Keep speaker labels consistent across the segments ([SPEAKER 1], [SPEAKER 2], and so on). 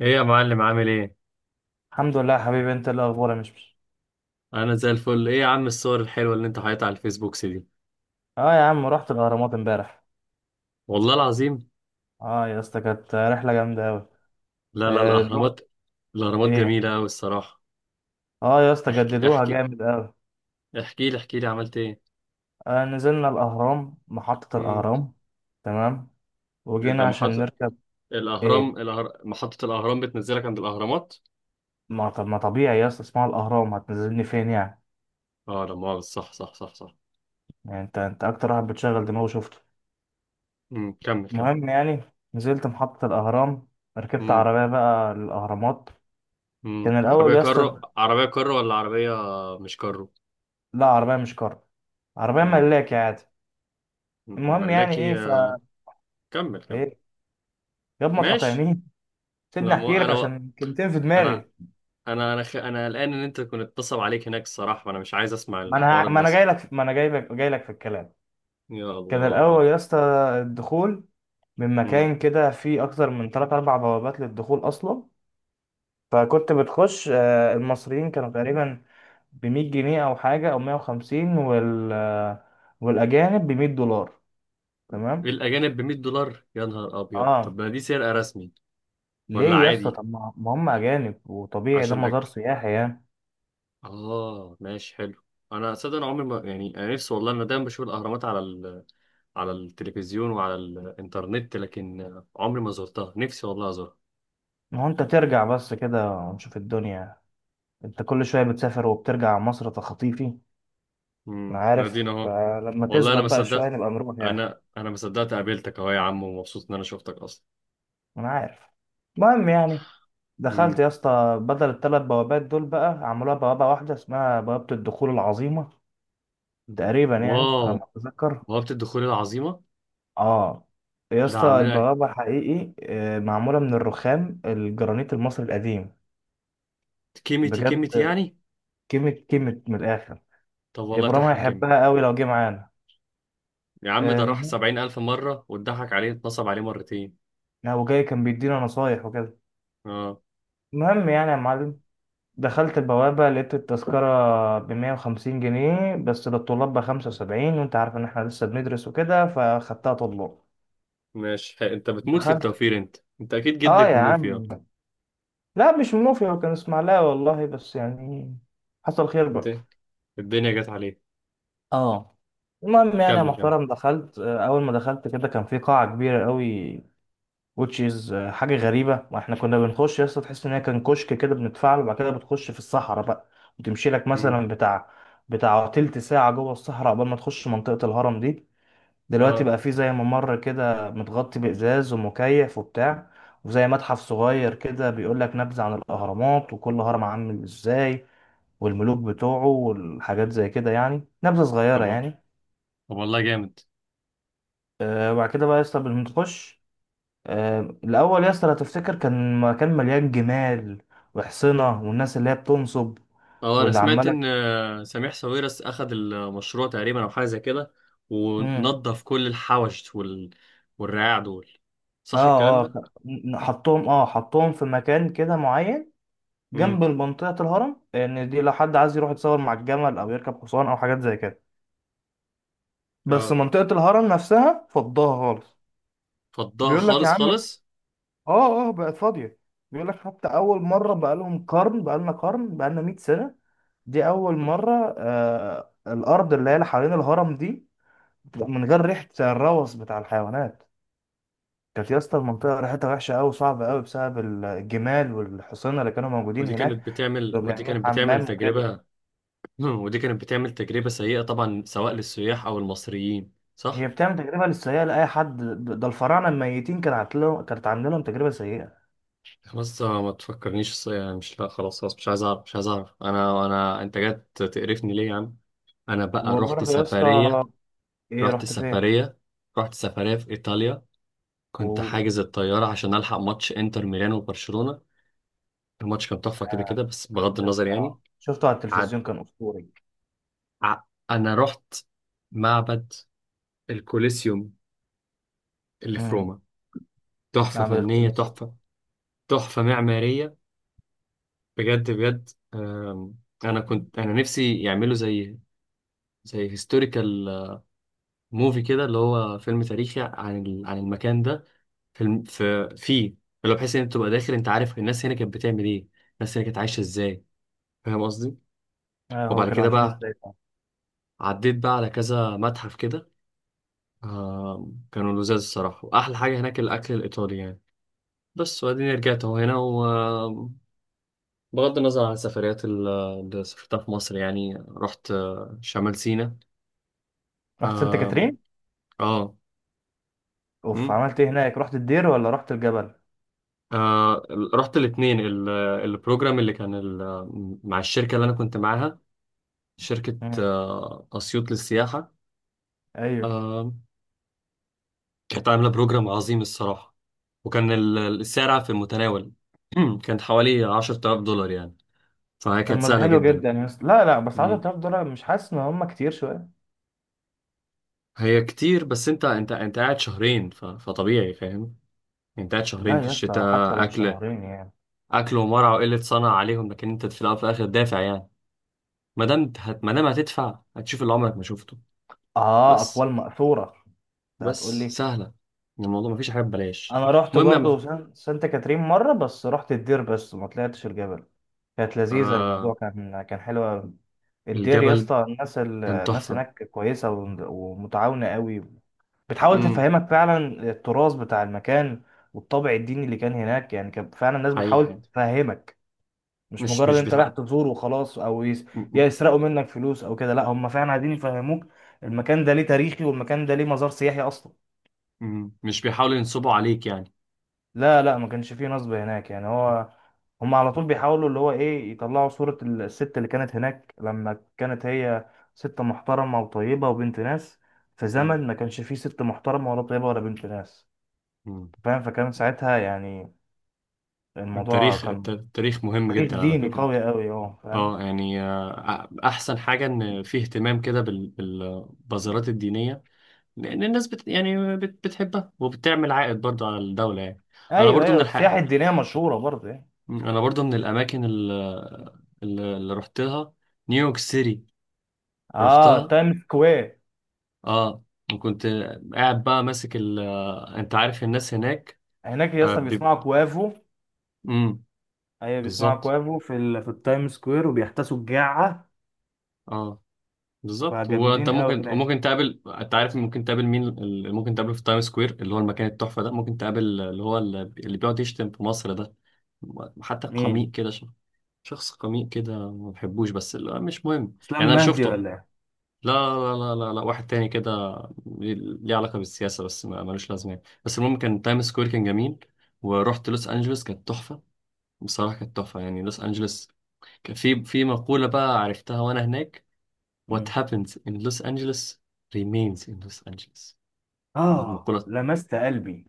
[SPEAKER 1] ايه يا معلم، عامل ايه؟
[SPEAKER 2] الحمد لله يا حبيبي، انت ايه الاخبار يا مشمش؟
[SPEAKER 1] انا زي الفل. ايه يا عم الصور الحلوه اللي انت حاططها على الفيسبوك دي؟
[SPEAKER 2] اه يا عم، رحت الاهرامات امبارح.
[SPEAKER 1] والله العظيم؟
[SPEAKER 2] اه يا اسطى، كانت رحله جامده قوي.
[SPEAKER 1] لا، لا،
[SPEAKER 2] آه نروح-
[SPEAKER 1] الاهرامات. الاهرامات
[SPEAKER 2] ايه.
[SPEAKER 1] جميله قوي الصراحه.
[SPEAKER 2] اه يا اسطى،
[SPEAKER 1] احكي،
[SPEAKER 2] جددوها
[SPEAKER 1] احكي،
[SPEAKER 2] جامد قوي.
[SPEAKER 1] احكي لي، احكي لي، عملت ايه؟
[SPEAKER 2] آه، نزلنا الاهرام، محطه
[SPEAKER 1] امم.
[SPEAKER 2] الاهرام. تمام.
[SPEAKER 1] يبقى
[SPEAKER 2] وجينا عشان
[SPEAKER 1] محطه
[SPEAKER 2] نركب. ايه.
[SPEAKER 1] الاهرام محطه الاهرام بتنزلك عند الاهرامات.
[SPEAKER 2] ما طبيعي يا اسطى، اسمها الاهرام، هتنزلني فين يعني؟
[SPEAKER 1] اه، لا مؤاخذه، صح، صح، صح، صح.
[SPEAKER 2] يعني انت اكتر واحد بتشغل دماغه شفته.
[SPEAKER 1] امم، كمل، كمل.
[SPEAKER 2] المهم يعني، نزلت محطه الاهرام، ركبت
[SPEAKER 1] امم،
[SPEAKER 2] عربيه بقى للاهرامات.
[SPEAKER 1] امم،
[SPEAKER 2] كان
[SPEAKER 1] عربيه
[SPEAKER 2] الاول يا
[SPEAKER 1] كارو،
[SPEAKER 2] اسطى،
[SPEAKER 1] عربيه كارو، ولا عربيه؟ مش كارو؟
[SPEAKER 2] لا عربيه مش كار، عربيه
[SPEAKER 1] امم،
[SPEAKER 2] ملاكي عادي. المهم يعني ايه،
[SPEAKER 1] ملاكي،
[SPEAKER 2] ف
[SPEAKER 1] كمل، كمل.
[SPEAKER 2] ايه. ياب ما
[SPEAKER 1] ماشي.
[SPEAKER 2] تقاطعنيش.
[SPEAKER 1] لا،
[SPEAKER 2] سيبني احكي لك عشان كلمتين في
[SPEAKER 1] انا
[SPEAKER 2] دماغي.
[SPEAKER 1] انا قلقان ان انت تكون اتنصب عليك هناك، الصراحه انا مش عايز اسمع الحوار
[SPEAKER 2] ما انا
[SPEAKER 1] النصب.
[SPEAKER 2] جاي لك ما انا جاي لك جاي لك في الكلام.
[SPEAKER 1] يا
[SPEAKER 2] كان الاول
[SPEAKER 1] الله.
[SPEAKER 2] يا اسطى، الدخول من
[SPEAKER 1] امم،
[SPEAKER 2] مكان كده، فيه اكتر من 3 4 بوابات للدخول اصلا. فكنت بتخش، المصريين كانوا تقريبا ب 100 جنيه او حاجه، او 150، والاجانب ب 100 دولار. تمام.
[SPEAKER 1] الاجانب ب 100 دولار؟ يا نهار ابيض،
[SPEAKER 2] اه،
[SPEAKER 1] طب ما دي سرقه رسمي؟
[SPEAKER 2] ليه
[SPEAKER 1] ولا
[SPEAKER 2] يا اسطى؟
[SPEAKER 1] عادي
[SPEAKER 2] طب ما هم اجانب وطبيعي، ده
[SPEAKER 1] عشان
[SPEAKER 2] مزار
[SPEAKER 1] اكل؟
[SPEAKER 2] سياحي يعني.
[SPEAKER 1] اه، ماشي، حلو. انا صدق انا عمري ما، يعني، انا نفسي والله. انا دايما بشوف الاهرامات على على التلفزيون وعلى الانترنت، لكن عمري ما زرتها. نفسي والله ازورها.
[SPEAKER 2] ما هو انت ترجع بس كده ونشوف الدنيا. انت كل شوية بتسافر وبترجع مصر تخطيفي. انا
[SPEAKER 1] امم،
[SPEAKER 2] عارف،
[SPEAKER 1] ادينا اهو.
[SPEAKER 2] فلما
[SPEAKER 1] والله انا
[SPEAKER 2] تثبت
[SPEAKER 1] ما
[SPEAKER 2] بقى شوية
[SPEAKER 1] صدقت،
[SPEAKER 2] نبقى نروح يعني.
[SPEAKER 1] انا ما صدقت قابلتك اهو يا عم، ومبسوط ان انا شفتك
[SPEAKER 2] انا عارف. المهم يعني، دخلت
[SPEAKER 1] اصلا.
[SPEAKER 2] يا اسطى، بدل الثلاث بوابات دول بقى عملوها بوابة واحدة، اسمها بوابة الدخول العظيمة، تقريبا يعني على ما
[SPEAKER 1] واو،
[SPEAKER 2] اتذكر.
[SPEAKER 1] بوابة الدخول العظيمة؟
[SPEAKER 2] اه يا
[SPEAKER 1] ده
[SPEAKER 2] اسطى،
[SPEAKER 1] عاملينها
[SPEAKER 2] البوابة حقيقي معمولة من الرخام الجرانيت المصري القديم.
[SPEAKER 1] كيميتي،
[SPEAKER 2] بجد،
[SPEAKER 1] كيميتي، يعني؟
[SPEAKER 2] كيمة كيمة من الآخر.
[SPEAKER 1] طب والله
[SPEAKER 2] إبراهيم
[SPEAKER 1] تحرى كام؟
[SPEAKER 2] هيحبها قوي لو جه
[SPEAKER 1] يا عم، ده راح
[SPEAKER 2] معانا.
[SPEAKER 1] 70,000 مرة، واتضحك عليه، اتنصب عليه مرتين.
[SPEAKER 2] لا، وجاي كان بيدينا نصايح وكده.
[SPEAKER 1] اه
[SPEAKER 2] المهم يعني يا معلم، دخلت البوابة، لقيت التذكرة ب150 جنيه، بس للطلاب ب75، وانت عارف ان احنا لسه بندرس وكده، فخدتها طلاب.
[SPEAKER 1] ماشي، حق. انت بتموت في
[SPEAKER 2] دخلت.
[SPEAKER 1] التوفير. انت اكيد
[SPEAKER 2] اه
[SPEAKER 1] جدك
[SPEAKER 2] يا
[SPEAKER 1] منوفي، اه.
[SPEAKER 2] عم، لا مش منوفي، هو كان اسماعيلاوي والله، بس يعني حصل خير بقى.
[SPEAKER 1] انت الدنيا جت عليه.
[SPEAKER 2] اه. المهم يعني يا
[SPEAKER 1] كمل، كمل.
[SPEAKER 2] محترم، دخلت. اول ما دخلت كده، كان في قاعة كبيرة قوي، which is حاجة غريبة. واحنا كنا بنخش يا اسطى، تحس ان هي كان كشك كده بندفع له، وبعد كده بتخش في الصحراء بقى، وتمشي لك
[SPEAKER 1] مم.
[SPEAKER 2] مثلا بتاع تلت ساعة جوه الصحراء، قبل ما تخش منطقة الهرم دي. دلوقتي
[SPEAKER 1] اه،
[SPEAKER 2] بقى فيه زي ممر كده، متغطي بإزاز ومكيف وبتاع، وزي متحف صغير كده، بيقول لك نبذة عن الأهرامات، وكل هرم عامل ازاي، والملوك بتوعه، والحاجات زي كده يعني، نبذة صغيرة
[SPEAKER 1] طب
[SPEAKER 2] يعني.
[SPEAKER 1] طب والله جامد.
[SPEAKER 2] وبعد كده بقى يا اسطى بنخش. الأول يا اسطى لو تفتكر، كان مكان مليان جمال وحصنة، والناس اللي هي بتنصب
[SPEAKER 1] اه، انا
[SPEAKER 2] واللي
[SPEAKER 1] سمعت
[SPEAKER 2] عمالة.
[SPEAKER 1] ان سميح ساويرس اخد المشروع تقريبا، او حاجة زي كده.
[SPEAKER 2] مم.
[SPEAKER 1] ونظف كل الحوش والرعاع دول.
[SPEAKER 2] اه
[SPEAKER 1] صح الكلام
[SPEAKER 2] اه
[SPEAKER 1] ده؟
[SPEAKER 2] خ- م- حطهم اه حطهم في مكان كده معين
[SPEAKER 1] امم.
[SPEAKER 2] جنب منطقة الهرم يعني، دي لو حد عايز يروح يتصور مع الجمل، أو يركب حصان، أو حاجات زي كده. بس
[SPEAKER 1] اه،
[SPEAKER 2] منطقة الهرم نفسها فضاها خالص.
[SPEAKER 1] فضها
[SPEAKER 2] بيقول لك يا
[SPEAKER 1] خالص،
[SPEAKER 2] عم اه،
[SPEAKER 1] خالص.
[SPEAKER 2] اه بقت فاضية. بيقول لك حتى أول مرة بقالهم قرن، بقالنا قرن، بقالنا 100 سنة، دي أول مرة الأرض اللي هي اللي حوالين الهرم دي، من غير ريحة الروث بتاع الحيوانات. كانت يا اسطى المنطقة ريحتها وحشة أوي، صعبة أوي، بسبب الجمال والحصينة اللي كانوا موجودين
[SPEAKER 1] ودي
[SPEAKER 2] هناك.
[SPEAKER 1] كانت بتعمل
[SPEAKER 2] كانوا
[SPEAKER 1] ودي
[SPEAKER 2] بيعملوا
[SPEAKER 1] كانت بتعمل
[SPEAKER 2] حمام وكده.
[SPEAKER 1] تجربة. ودي كانت بتعمل تجربة سيئة طبعا، سواء للسياح أو المصريين، صح؟
[SPEAKER 2] هي بتعمل تجربة للسيئة لأي حد. ده الفراعنة الميتين كانت عاملة لهم تجربة سيئة.
[SPEAKER 1] خلاص، ما تفكرنيش يعني مش، لا، خلاص، خلاص، مش عايز أعرف، مش عايز أعرف. أنا أنا أنت جات تقرفني ليه يا عم؟ أنا بقى رحت
[SPEAKER 2] وبرضه يا
[SPEAKER 1] سفرية
[SPEAKER 2] اسطى، إيه
[SPEAKER 1] رحت
[SPEAKER 2] رحت فين؟
[SPEAKER 1] سفرية رحت سفرية في إيطاليا. كنت
[SPEAKER 2] و
[SPEAKER 1] حاجز الطيارة عشان ألحق ماتش إنتر ميلان وبرشلونة. الماتش كان تحفة، كده
[SPEAKER 2] آه،
[SPEAKER 1] كده، بس بغض
[SPEAKER 2] يا
[SPEAKER 1] النظر
[SPEAKER 2] اسطى،
[SPEAKER 1] يعني.
[SPEAKER 2] شفته على
[SPEAKER 1] عد...
[SPEAKER 2] التلفزيون، كان أسطوري.
[SPEAKER 1] ع... أنا رحت معبد الكوليسيوم اللي في
[SPEAKER 2] امم.
[SPEAKER 1] روما. تحفة
[SPEAKER 2] معبد
[SPEAKER 1] فنية،
[SPEAKER 2] الكوليسيوم.
[SPEAKER 1] تحفة، تحفة معمارية، بجد، بجد، أنا كنت، نفسي يعملوا زي هيستوريكال موفي كده، اللي هو فيلم تاريخي عن عن المكان ده. في الم- في فيه اللي هو، بحيث إن أنت تبقى داخل، أنت عارف الناس هنا كانت بتعمل إيه، الناس هنا كانت عايشة إزاي. فاهم قصدي؟
[SPEAKER 2] هو
[SPEAKER 1] وبعد
[SPEAKER 2] كانوا
[SPEAKER 1] كده
[SPEAKER 2] عايشين
[SPEAKER 1] بقى
[SPEAKER 2] ازاي بقى؟
[SPEAKER 1] عديت بقى على كذا متحف كده. كانوا لذاذ الصراحة، وأحلى حاجة هناك الأكل الإيطالي يعني. بس، وبعدين رجعت أهو هنا. بغض النظر عن السفريات اللي سافرتها في مصر، يعني رحت شمال سيناء.
[SPEAKER 2] رحت سانت
[SPEAKER 1] اه.
[SPEAKER 2] كاترين؟
[SPEAKER 1] اه.
[SPEAKER 2] اوف،
[SPEAKER 1] مم.
[SPEAKER 2] عملت ايه هناك؟ رحت الدير ولا رحت الجبل؟
[SPEAKER 1] آه، رحت الاثنين. البروجرام اللي كان مع الشركة اللي انا كنت معاها، شركة
[SPEAKER 2] امم.
[SPEAKER 1] اسيوط للسياحة.
[SPEAKER 2] ايوه.
[SPEAKER 1] آه، كانت عاملة بروجرام عظيم الصراحة، وكان السعر في المتناول. كانت حوالي 10,000 دولار يعني، فهي
[SPEAKER 2] طب
[SPEAKER 1] كانت
[SPEAKER 2] ما ده
[SPEAKER 1] سهلة
[SPEAKER 2] حلو
[SPEAKER 1] جدا.
[SPEAKER 2] جدا يا اسطى، لا لا بس
[SPEAKER 1] مم.
[SPEAKER 2] 10000 دولار مش حاسس ان هم كتير شويه.
[SPEAKER 1] هي كتير، بس انت قاعد شهرين، فطبيعي، فاهم؟ انت قاعد شهرين
[SPEAKER 2] لا
[SPEAKER 1] في
[SPEAKER 2] يا اسطى، حتى
[SPEAKER 1] الشتاء،
[SPEAKER 2] لو
[SPEAKER 1] اكل،
[SPEAKER 2] شهرين يعني.
[SPEAKER 1] اكل، ومرع، وقله صنع عليهم، لكن انت في الاول وفي الاخر دافع يعني. ما دام هتدفع هتشوف اللي عمرك ما شفته،
[SPEAKER 2] اه،
[SPEAKER 1] بس.
[SPEAKER 2] اقوال مأثوره. انت هتقول
[SPEAKER 1] بس
[SPEAKER 2] لي.
[SPEAKER 1] سهله، الموضوع ما فيش حاجه ببلاش.
[SPEAKER 2] انا رحت
[SPEAKER 1] المهم
[SPEAKER 2] برضو سانت كاترين مره، بس رحت الدير بس ما طلعتش الجبل. كانت لذيذه،
[SPEAKER 1] آه
[SPEAKER 2] الموضوع كان حلو قوي. الدير يا
[SPEAKER 1] الجبل
[SPEAKER 2] اسطى،
[SPEAKER 1] كان
[SPEAKER 2] الناس
[SPEAKER 1] تحفه.
[SPEAKER 2] هناك كويسه ومتعاونه قوي. بتحاول
[SPEAKER 1] امم.
[SPEAKER 2] تفهمك فعلا التراث بتاع المكان والطابع الديني اللي كان هناك، يعني كان فعلا الناس
[SPEAKER 1] حقيقي،
[SPEAKER 2] بتحاول
[SPEAKER 1] حقيقي.
[SPEAKER 2] تفهمك. مش
[SPEAKER 1] مش
[SPEAKER 2] مجرد
[SPEAKER 1] مش
[SPEAKER 2] انت رايح
[SPEAKER 1] بتح...
[SPEAKER 2] تزور وخلاص،
[SPEAKER 1] م-
[SPEAKER 2] يا
[SPEAKER 1] م-
[SPEAKER 2] يسرقوا منك فلوس او كده، لا، هم فعلا عايزين يفهموك المكان ده ليه تاريخي، والمكان ده ليه مزار سياحي اصلا.
[SPEAKER 1] م- مش بيحاولوا ينصبوا عليك يعني.
[SPEAKER 2] لا لا، ما كانش فيه نصب هناك يعني. هو هم على طول بيحاولوا اللي هو ايه، يطلعوا صورة الست اللي كانت هناك، لما كانت هي ست محترمة وطيبة وبنت ناس، في
[SPEAKER 1] امم،
[SPEAKER 2] زمن ما كانش فيه ست محترمة ولا طيبة ولا بنت ناس.
[SPEAKER 1] امم.
[SPEAKER 2] فاهم، فكان ساعتها يعني الموضوع
[SPEAKER 1] التاريخ الت-
[SPEAKER 2] كان
[SPEAKER 1] التاريخ مهم
[SPEAKER 2] تاريخ
[SPEAKER 1] جدا على
[SPEAKER 2] ديني
[SPEAKER 1] فكره.
[SPEAKER 2] قوي قوي. اه فاهم.
[SPEAKER 1] اه، يعني احسن حاجه ان فيه اهتمام كده بالبازارات الدينيه، لأن الناس يعني بتحبها، وبتعمل عائد برضو على الدولة يعني. أنا
[SPEAKER 2] ايوه
[SPEAKER 1] برضو من
[SPEAKER 2] ايوه،
[SPEAKER 1] الحق،
[SPEAKER 2] السياحة الدينية مشهورة برضه يعني.
[SPEAKER 1] أنا برضو من الأماكن اللي رحتها، نيويورك سيتي.
[SPEAKER 2] اه،
[SPEAKER 1] رحتها،
[SPEAKER 2] تايم سكوير.
[SPEAKER 1] اه. وكنت قاعد بقى ماسك ال آه، أنت عارف الناس هناك
[SPEAKER 2] هناك يا اسطى بيسمعوا
[SPEAKER 1] بيبقوا.
[SPEAKER 2] كوافو.
[SPEAKER 1] امم.
[SPEAKER 2] ايوه، بيسمعوا
[SPEAKER 1] بالظبط،
[SPEAKER 2] كوافو في التايم سكوير، وبيحتسوا الجعه.
[SPEAKER 1] اه، بالظبط. وانت
[SPEAKER 2] فجامدين قوي
[SPEAKER 1] ممكن
[SPEAKER 2] هناك.
[SPEAKER 1] ممكن تقابل، انت عارف، ممكن تقابل مين، اللي ممكن تقابله في تايم سكوير، اللي هو المكان التحفه ده، ممكن تقابل اللي هو اللي بيقعد يشتم في مصر، ده حتى قميء
[SPEAKER 2] مين؟
[SPEAKER 1] كده. شخص قميء كده، ما بحبوش، بس لا، مش مهم
[SPEAKER 2] اسلام
[SPEAKER 1] يعني. انا
[SPEAKER 2] مهدي
[SPEAKER 1] شفته.
[SPEAKER 2] ولا ايه؟
[SPEAKER 1] لا، لا، لا، لا، لا. واحد تاني كده، ليه علاقة بالسياسة، بس ما ملوش لازمة يعني. بس المهم، كان تايم سكوير كان جميل. ورحت لوس انجلوس، كانت تحفة بصراحة. كانت تحفة يعني لوس انجلوس. كان في مقولة بقى عرفتها وانا هناك. What
[SPEAKER 2] مم.
[SPEAKER 1] happens in Los Angeles remains in Los Angeles.
[SPEAKER 2] اه،
[SPEAKER 1] المقولة
[SPEAKER 2] لمست قلبي.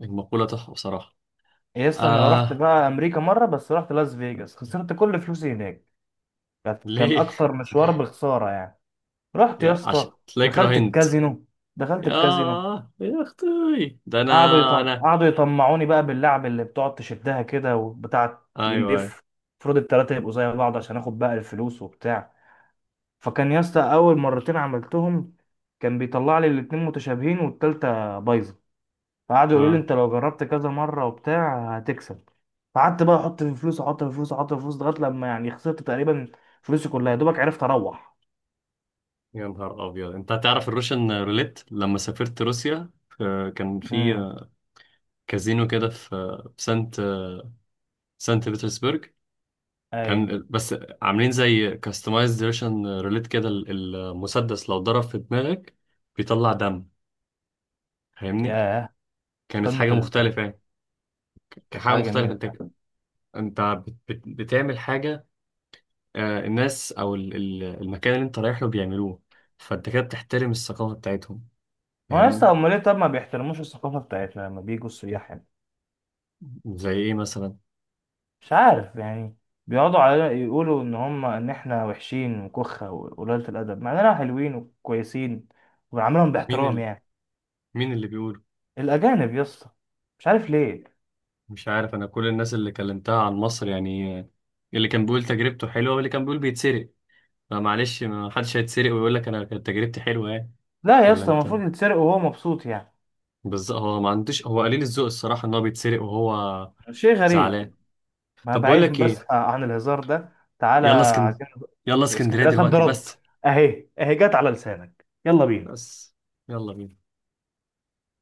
[SPEAKER 1] المقولة تحفة بصراحة.
[SPEAKER 2] يا اسطى، انا رحت
[SPEAKER 1] آه،
[SPEAKER 2] بقى امريكا مره، بس رحت لاس فيجاس، خسرت كل فلوسي هناك. كان
[SPEAKER 1] ليه؟
[SPEAKER 2] اكتر مشوار بخساره يعني. رحت يا
[SPEAKER 1] عشان
[SPEAKER 2] اسطى.
[SPEAKER 1] تلاقي
[SPEAKER 2] دخلت
[SPEAKER 1] كرهنت؟
[SPEAKER 2] الكازينو دخلت
[SPEAKER 1] يا
[SPEAKER 2] الكازينو
[SPEAKER 1] يا اختي، ده انا انا
[SPEAKER 2] قعدوا يطمعوني بقى باللعب اللي بتقعد تشدها كده وبتاع
[SPEAKER 1] ايوه، ايوه،
[SPEAKER 2] يلف. المفروض التلاتة يبقوا زي بعض عشان اخد بقى الفلوس وبتاع. فكان يا اسطى اول مرتين عملتهم، كان بيطلع لي الاتنين متشابهين والتالتة بايظة. فقعدوا يقولوا لي
[SPEAKER 1] اه.
[SPEAKER 2] انت لو جربت كذا مرة وبتاع هتكسب، فقعدت بقى احط في فلوس، احط في فلوس، احط في فلوس، لغاية لما يعني خسرت تقريبا فلوسي كلها، يا دوبك عرفت اروح.
[SPEAKER 1] يا نهار ابيض، انت تعرف الروشن روليت لما سافرت روسيا؟ كان في
[SPEAKER 2] امم.
[SPEAKER 1] كازينو كده، في سانت بطرسبرغ.
[SPEAKER 2] ايوه.
[SPEAKER 1] كان، بس عاملين زي كاستمايزد روشن روليت كده، المسدس لو ضرب في دماغك بيطلع دم، فاهمني؟
[SPEAKER 2] ياه.
[SPEAKER 1] كانت
[SPEAKER 2] قمة
[SPEAKER 1] حاجه
[SPEAKER 2] ال،
[SPEAKER 1] مختلفه يعني، كانت
[SPEAKER 2] كانت
[SPEAKER 1] حاجه
[SPEAKER 2] حاجة
[SPEAKER 1] مختلفه.
[SPEAKER 2] جميلة.
[SPEAKER 1] انت بتعمل حاجه، الناس او المكان اللي انت رايح له بيعملوه، فانت كده بتحترم الثقافه بتاعتهم.
[SPEAKER 2] هو يا اسطى،
[SPEAKER 1] فاهمني؟
[SPEAKER 2] امال ليه طب ما بيحترموش الثقافه بتاعتنا لما بيجوا السياح هنا؟
[SPEAKER 1] زي ايه مثلا؟
[SPEAKER 2] مش عارف يعني، بيقعدوا علينا يقولوا ان هم، ان احنا وحشين وكخه وقليله الادب، مع اننا حلوين وكويسين وبنعاملهم
[SPEAKER 1] مين
[SPEAKER 2] باحترام
[SPEAKER 1] ال...
[SPEAKER 2] يعني.
[SPEAKER 1] مين اللي بيقول؟
[SPEAKER 2] الاجانب يا اسطى، مش عارف ليه.
[SPEAKER 1] مش عارف، انا كل الناس اللي كلمتها عن مصر يعني، اللي كان بيقول تجربته حلوه، واللي كان بيقول بيتسرق. فمعلش، ما حدش هيتسرق ويقول لك انا كانت تجربتي حلوه يعني.
[SPEAKER 2] لا يا
[SPEAKER 1] ولا
[SPEAKER 2] اسطى، المفروض
[SPEAKER 1] انت،
[SPEAKER 2] يتسرق وهو مبسوط يعني،
[SPEAKER 1] بالظبط. هو ما عندوش، هو قليل الذوق، الصراحه ان هو بيتسرق وهو
[SPEAKER 2] شيء غريب.
[SPEAKER 1] زعلان.
[SPEAKER 2] ما
[SPEAKER 1] طب بقول
[SPEAKER 2] بعيد
[SPEAKER 1] لك
[SPEAKER 2] بس
[SPEAKER 1] ايه،
[SPEAKER 2] عن الهزار ده. تعالى
[SPEAKER 1] يلا اسكن
[SPEAKER 2] عايزين.
[SPEAKER 1] يلا اسكندريه
[SPEAKER 2] اسكندريه صد
[SPEAKER 1] دلوقتي،
[SPEAKER 2] رد.
[SPEAKER 1] بس.
[SPEAKER 2] اهي اهي جت على لسانك، يلا بينا.
[SPEAKER 1] بس، يلا بينا.